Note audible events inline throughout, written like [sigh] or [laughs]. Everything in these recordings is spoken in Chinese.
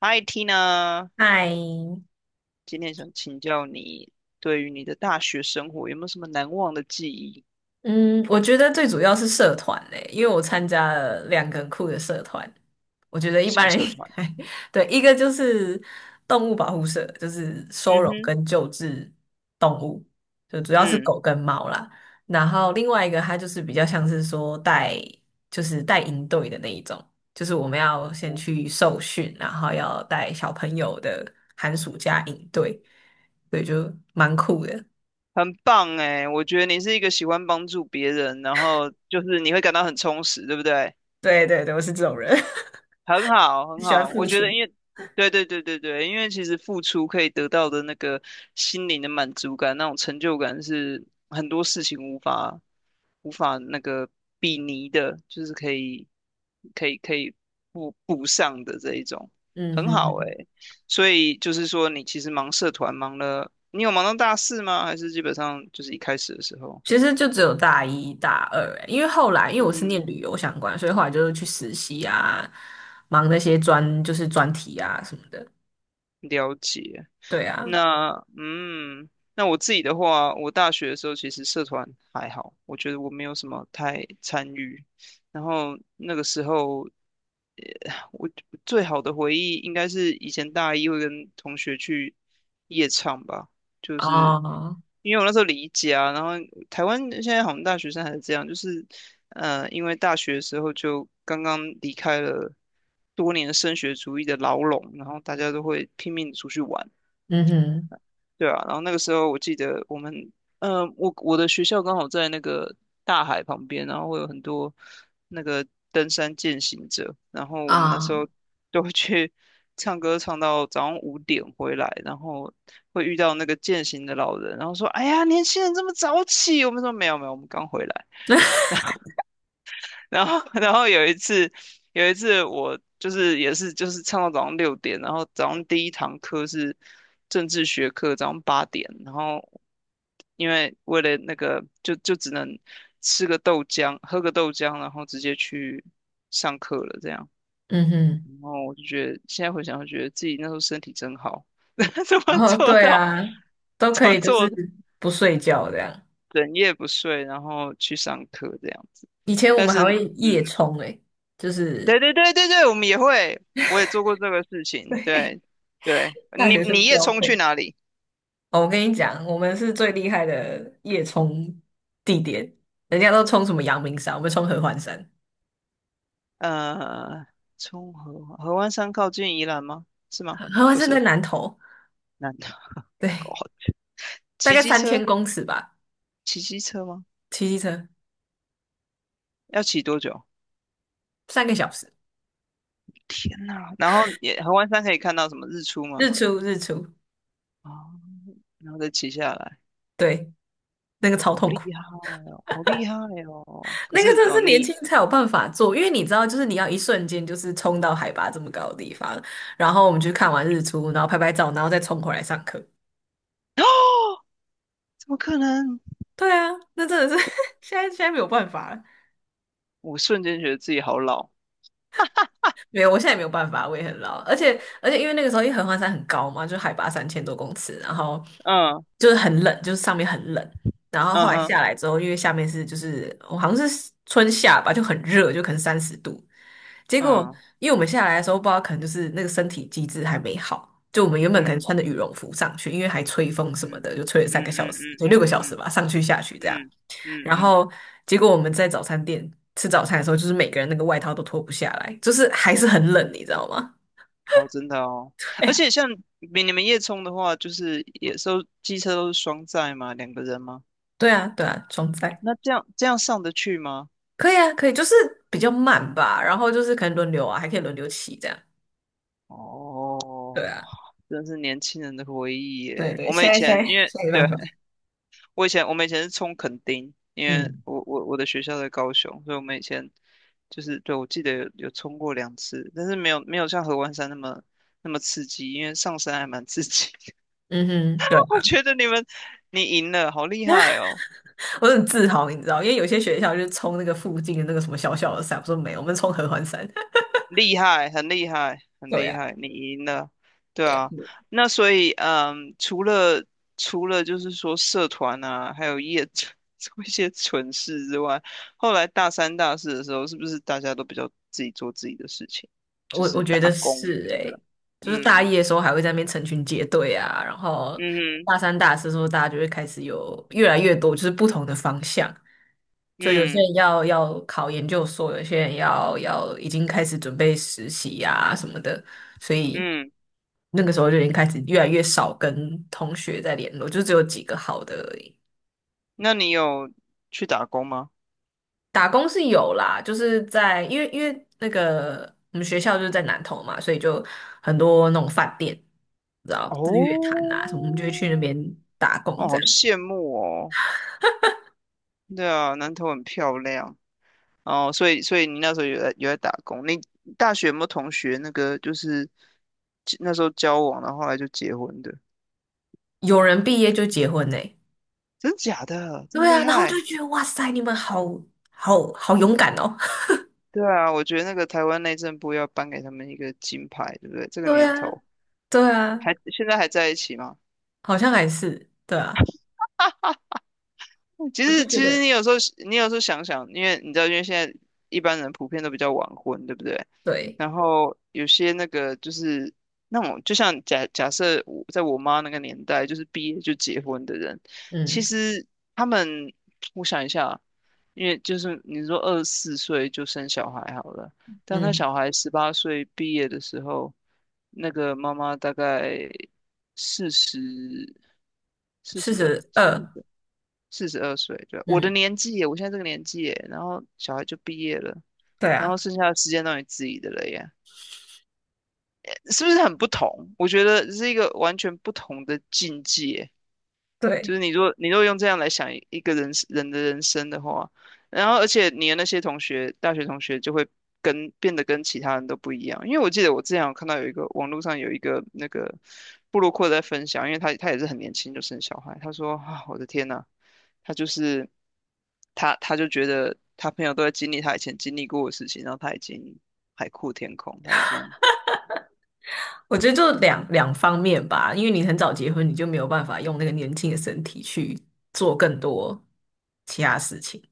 嗨，Tina，嗨，今天想请教你，对于你的大学生活有没有什么难忘的记忆？嗯，我觉得最主要是社团嘞，因为我参加了2个很酷的社团，我觉得一什般么人社应团？该，[laughs] 对，一个就是动物保护社，就是收嗯容哼。跟救治动物，就主要是嗯，狗跟猫啦。然后另外一个，它就是比较像是说带，就是带营队的那一种，就是我们要先去受训，然后要带小朋友的寒暑假营队，对，就蛮酷的。很棒哎，我觉得你是一个喜欢帮助别人，然后就是你会感到很充实，对不对？对对对，我是这种人。很好，很喜欢好，付我觉出。得，[laughs] 因为，对对对对对，因为其实付出可以得到的那个心灵的满足感，那种成就感是很多事情无法比拟的，就是可以补上的这一种，嗯很哼好哼，诶。所以就是说，你其实忙社团忙了，你有忙到大四吗？还是基本上就是一开始的时候？其实就只有大一、大二欸，因为后来因为我是念嗯。旅游相关，所以后来就是去实习啊，忙那些专就是专题啊什么的。了解。对啊，那嗯，那我自己的话，我大学的时候其实社团还好，我觉得我没有什么太参与。然后那个时候，我最好的回忆应该是以前大一会跟同学去夜唱吧，就是哦，因为我那时候离家，然后台湾现在好像大学生还是这样，就是因为大学的时候就刚刚离开了多年升学主义的牢笼，然后大家都会拼命出去玩。嗯哼，对啊，然后那个时候我记得我们，我的学校刚好在那个大海旁边，然后会有很多那个登山健行者，然后我们那时啊，候都会去唱歌，唱到早上5点回来，然后会遇到那个健行的老人，然后说："哎呀，年轻人这么早起？"我们说："没有没有，我们刚回来。" [laughs] 然后 [laughs] 然后有一次我就是也是就是唱到早上6点，然后早上第一堂课是政治学课，早上8点，然后因为为了那个就只能吃个豆浆，喝个豆浆，然后直接去上课了这样。嗯哼，然后我就觉得现在回想，就觉得自己那时候身体真好，[laughs] 怎然么后做对到啊，都怎可么以就做是不睡觉这样。整夜不睡，然后去上课这样子。以前我但们还是，会夜嗯，冲诶，就是 对对对对对，我们也会，我也做过这个事 [laughs] 情。对，对对，大你学生你也标冲去配。哪里？哦，我跟你讲，我们是最厉害的夜冲地点，人家都冲什么阳明山，我们冲合欢山。呃，冲河湾山靠近宜兰吗？是吗？合合欢不山在是，南投，南投。对，哦，大骑概机三车？千公尺吧，骑机车吗？骑机车要骑多久？三个小时，天哪！然后也河湾山可以看到什么日出吗？日出日出，啊，然后再骑下来，对，那个超好痛厉苦，害 [laughs] 哦，好厉害哦！可那个是真的哦，是年你 轻才有办法做，因为你知道，就是你要一瞬间就是冲到海拔这么高的地方，然后我们去看完日出，然后拍拍照，然后再冲回来上课。[gasps] 怎么可能？对啊，那真的是 [laughs] 现在没有办法了。我瞬间觉得自己好老。没有，我现在也没有办法，我也很老，而且因为那个时候因为合欢山很高嘛，就海拔3000多公尺，然后嗯。就是很冷，就是上面很冷，然后后嗯来哼。下来之后，因为下面是就是我好像是春夏吧，就很热，就可能30度，结果嗯。因为我们下来的时候不知道可能就是那个身体机制还没好，就我们原本可能嗯。穿着羽绒服上去，因为还吹风什么嗯。的，就吹了嗯。三个嗯。小时，就六个嗯。小时嗯。吧，上去下去这样。嗯。嗯。然嗯。后结果我们在早餐店吃早餐的时候，就是每个人那个外套都脱不下来，就是还是很冷，你知道吗？哦，真的哦。[laughs] 而哎且像比你们夜冲的话，就是也都机车都是双载嘛，两个人吗？对啊，对啊，装载那这样上得去吗？可以啊，可以，就是比较慢吧，然后就是可能轮流啊，还可以轮流骑这样。对哦，啊，真是年轻人的回忆对耶。对，我们现以在现前在现因为在没对办法。我们以前是冲垦丁，因为嗯我的学校在高雄，所以我们以前就是对我记得有冲过两次，但是没有没有像合欢山那么那么刺激，因为上山还蛮刺激。嗯哼，对 [laughs] 我啊，觉得你赢了，好厉害哦，[laughs] 我很自豪，你知道，因为有些学校就是冲那个附近的那个什么小小的山，我说没有，我们冲合欢山。厉害，很厉害，[laughs] 很对厉啊，害，你赢了，对对啊啊。那所以，除了就是说社团啊，还有业 [laughs] 做一些蠢事之外，后来大三大四的时候，是不是大家都比较自己做自己的事情，就我是觉打得工什是么诶、的？就是大一嗯。的时候还会在那边成群结队啊，然后嗯哼。大三、大四的时候，大家就会开始有越来越多就是不同的方向，就有些嗯。人要考研究所，有些人要已经开始准备实习呀、啊、什么的，所以嗯。那个时候就已经开始越来越少跟同学在联络，就只有几个好的而已。那你有去打工吗？打工是有啦，就是在因为那个我们学校就是在南投嘛，所以就很多那种饭店，你知道日月潭哦，啊什么，我们就会去那边打工哦，这好样。羡慕哦。对啊，南投很漂亮哦，所以你那时候有在打工，你大学有没有同学那个就是那时候交往，然后后来就结婚的？有人毕业就结婚呢、真假的这对么厉啊，然后我害？就觉得哇塞，你们好好好勇敢哦。[laughs] 对啊，我觉得那个台湾内政部要颁给他们一个金牌，对不对？这个对啊，年头对啊，还现在还在一起吗？好像还是对啊，其我就实觉其实得你有时候想想，因为你知道，因为现在一般人普遍都比较晚婚，对不对？对，然后有些那个就是那种，就像假假设我在我妈那个年代，就是毕业就结婚的人，其嗯实他们，我想一下啊，因为就是你说二十四岁就生小孩好了，当他嗯，小孩18岁毕业的时候，那个妈妈大概四十四四十二。十二，四十二岁，对，我的嗯，年纪耶，我现在这个年纪耶，然后小孩就毕业了，对然后啊，剩下的时间都你自己的了耶，是不是很不同？我觉得是一个完全不同的境界，就对。是你若用这样来想一个人的人生的话，然后而且你的那些同学，大学同学就会变得跟其他人都不一样，因为我记得我之前有看到有一个网络上有一个那个布鲁克在分享，因为他也是很年轻就生小孩，他说啊，我的天呐！他就是他，就觉得他朋友都在经历他以前经历过的事情，然后他已经海阔天空，他已经，我觉得就两方面吧，因为你很早结婚，你就没有办法用那个年轻的身体去做更多其他事情。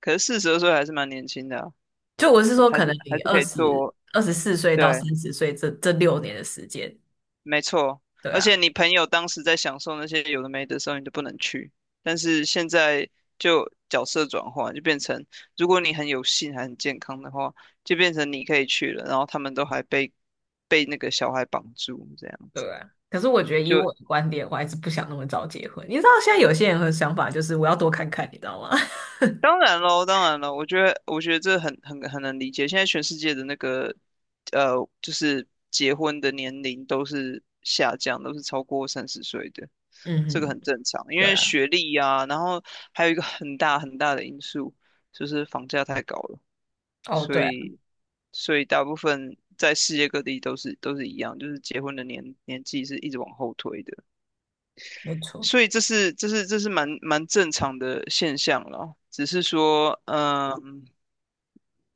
可是四十二岁还是蛮年轻的啊，就我是说，还可能是还你是二可以十做，二十四岁到对，30岁这6年的时间，没错。对而且啊，你朋友当时在享受那些有的没的时候，你就不能去。但是现在就角色转换，就变成如果你很有幸还很健康的话，就变成你可以去了，然后他们都还被那个小孩绑住这样子。对啊。可是我觉得以就。我的观点，我还是不想那么早结婚。你知道现在有些人的想法就是我要多看看，你知道吗？[laughs] 当然喽，当然了，我觉得，我觉得这很能理解。现在全世界的那个，呃，就是结婚的年龄都是下降，都是超过30岁的，嗯这个哼，很正常。因对为啊，学历呀，然后还有一个很大很大的因素就是房价太高了，哦，所对啊，以所以大部分在世界各地都是一样，就是结婚的年纪是一直往后推的。没错，所以这是蛮正常的现象了，只是说，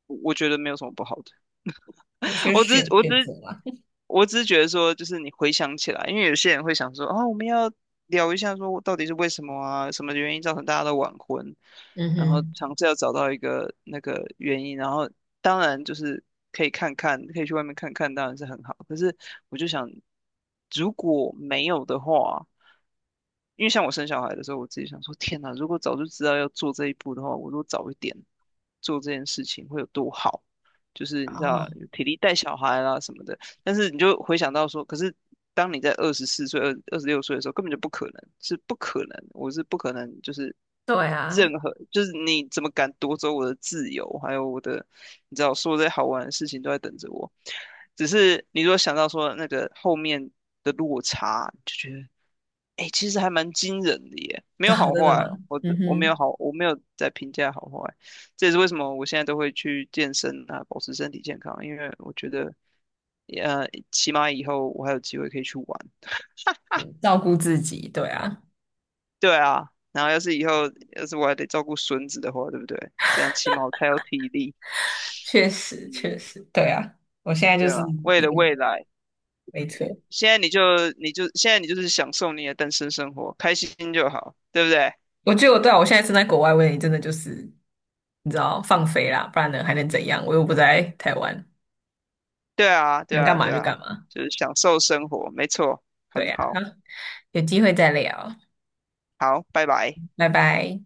我觉得没有什么不好的，有些 [laughs] 我只是选我选只择是嘛。我只是觉得说，就是你回想起来，因为有些人会想说，啊，我们要聊一下，说到底是为什么啊，什么原因造成大家都晚婚，嗯然后哼，尝试要找到一个那个原因，然后当然就是可以看看，可以去外面看看，当然是很好。可是我就想，如果没有的话，因为像我生小孩的时候，我自己想说，天哪，如果早就知道要做这一步的话，我如果早一点做这件事情会有多好。就是你知道哦，体力带小孩啦什么的，但是你就回想到说，可是当你在二十四岁、二十六岁的时候，根本就不可能，是不可能，我是不可能，就是对啊，任何，就是你怎么敢夺走我的自由，还有我的，你知道，所有这些好玩的事情都在等着我。只是你如果想到说那个后面的落差，就觉得哎，其实还蛮惊人的耶，[laughs] 没有啊，好真的坏吗？哦，我嗯的我没哼，有好，我没有在评价好坏，这也是为什么我现在都会去健身啊，保持身体健康，因为我觉得，起码以后我还有机会可以去玩，照顾自己，对啊。对啊，然后要是以后要是我还得照顾孙子的话，对不对？这样起码我才有体力，确实嗯，确实，对啊，我现在就对啊，是为一了个未来，没车。现在你就现在你就是享受你的单身生活，开心就好，对不对？我觉得我对啊，我现在身在国外，我也真的就是你知道放飞啦，不然呢还能怎样？我又不在台湾，对啊，对想干啊，嘛对就啊，干嘛。就是享受生活，没错，对很呀、好，好，有机会再聊，好，拜拜。拜拜。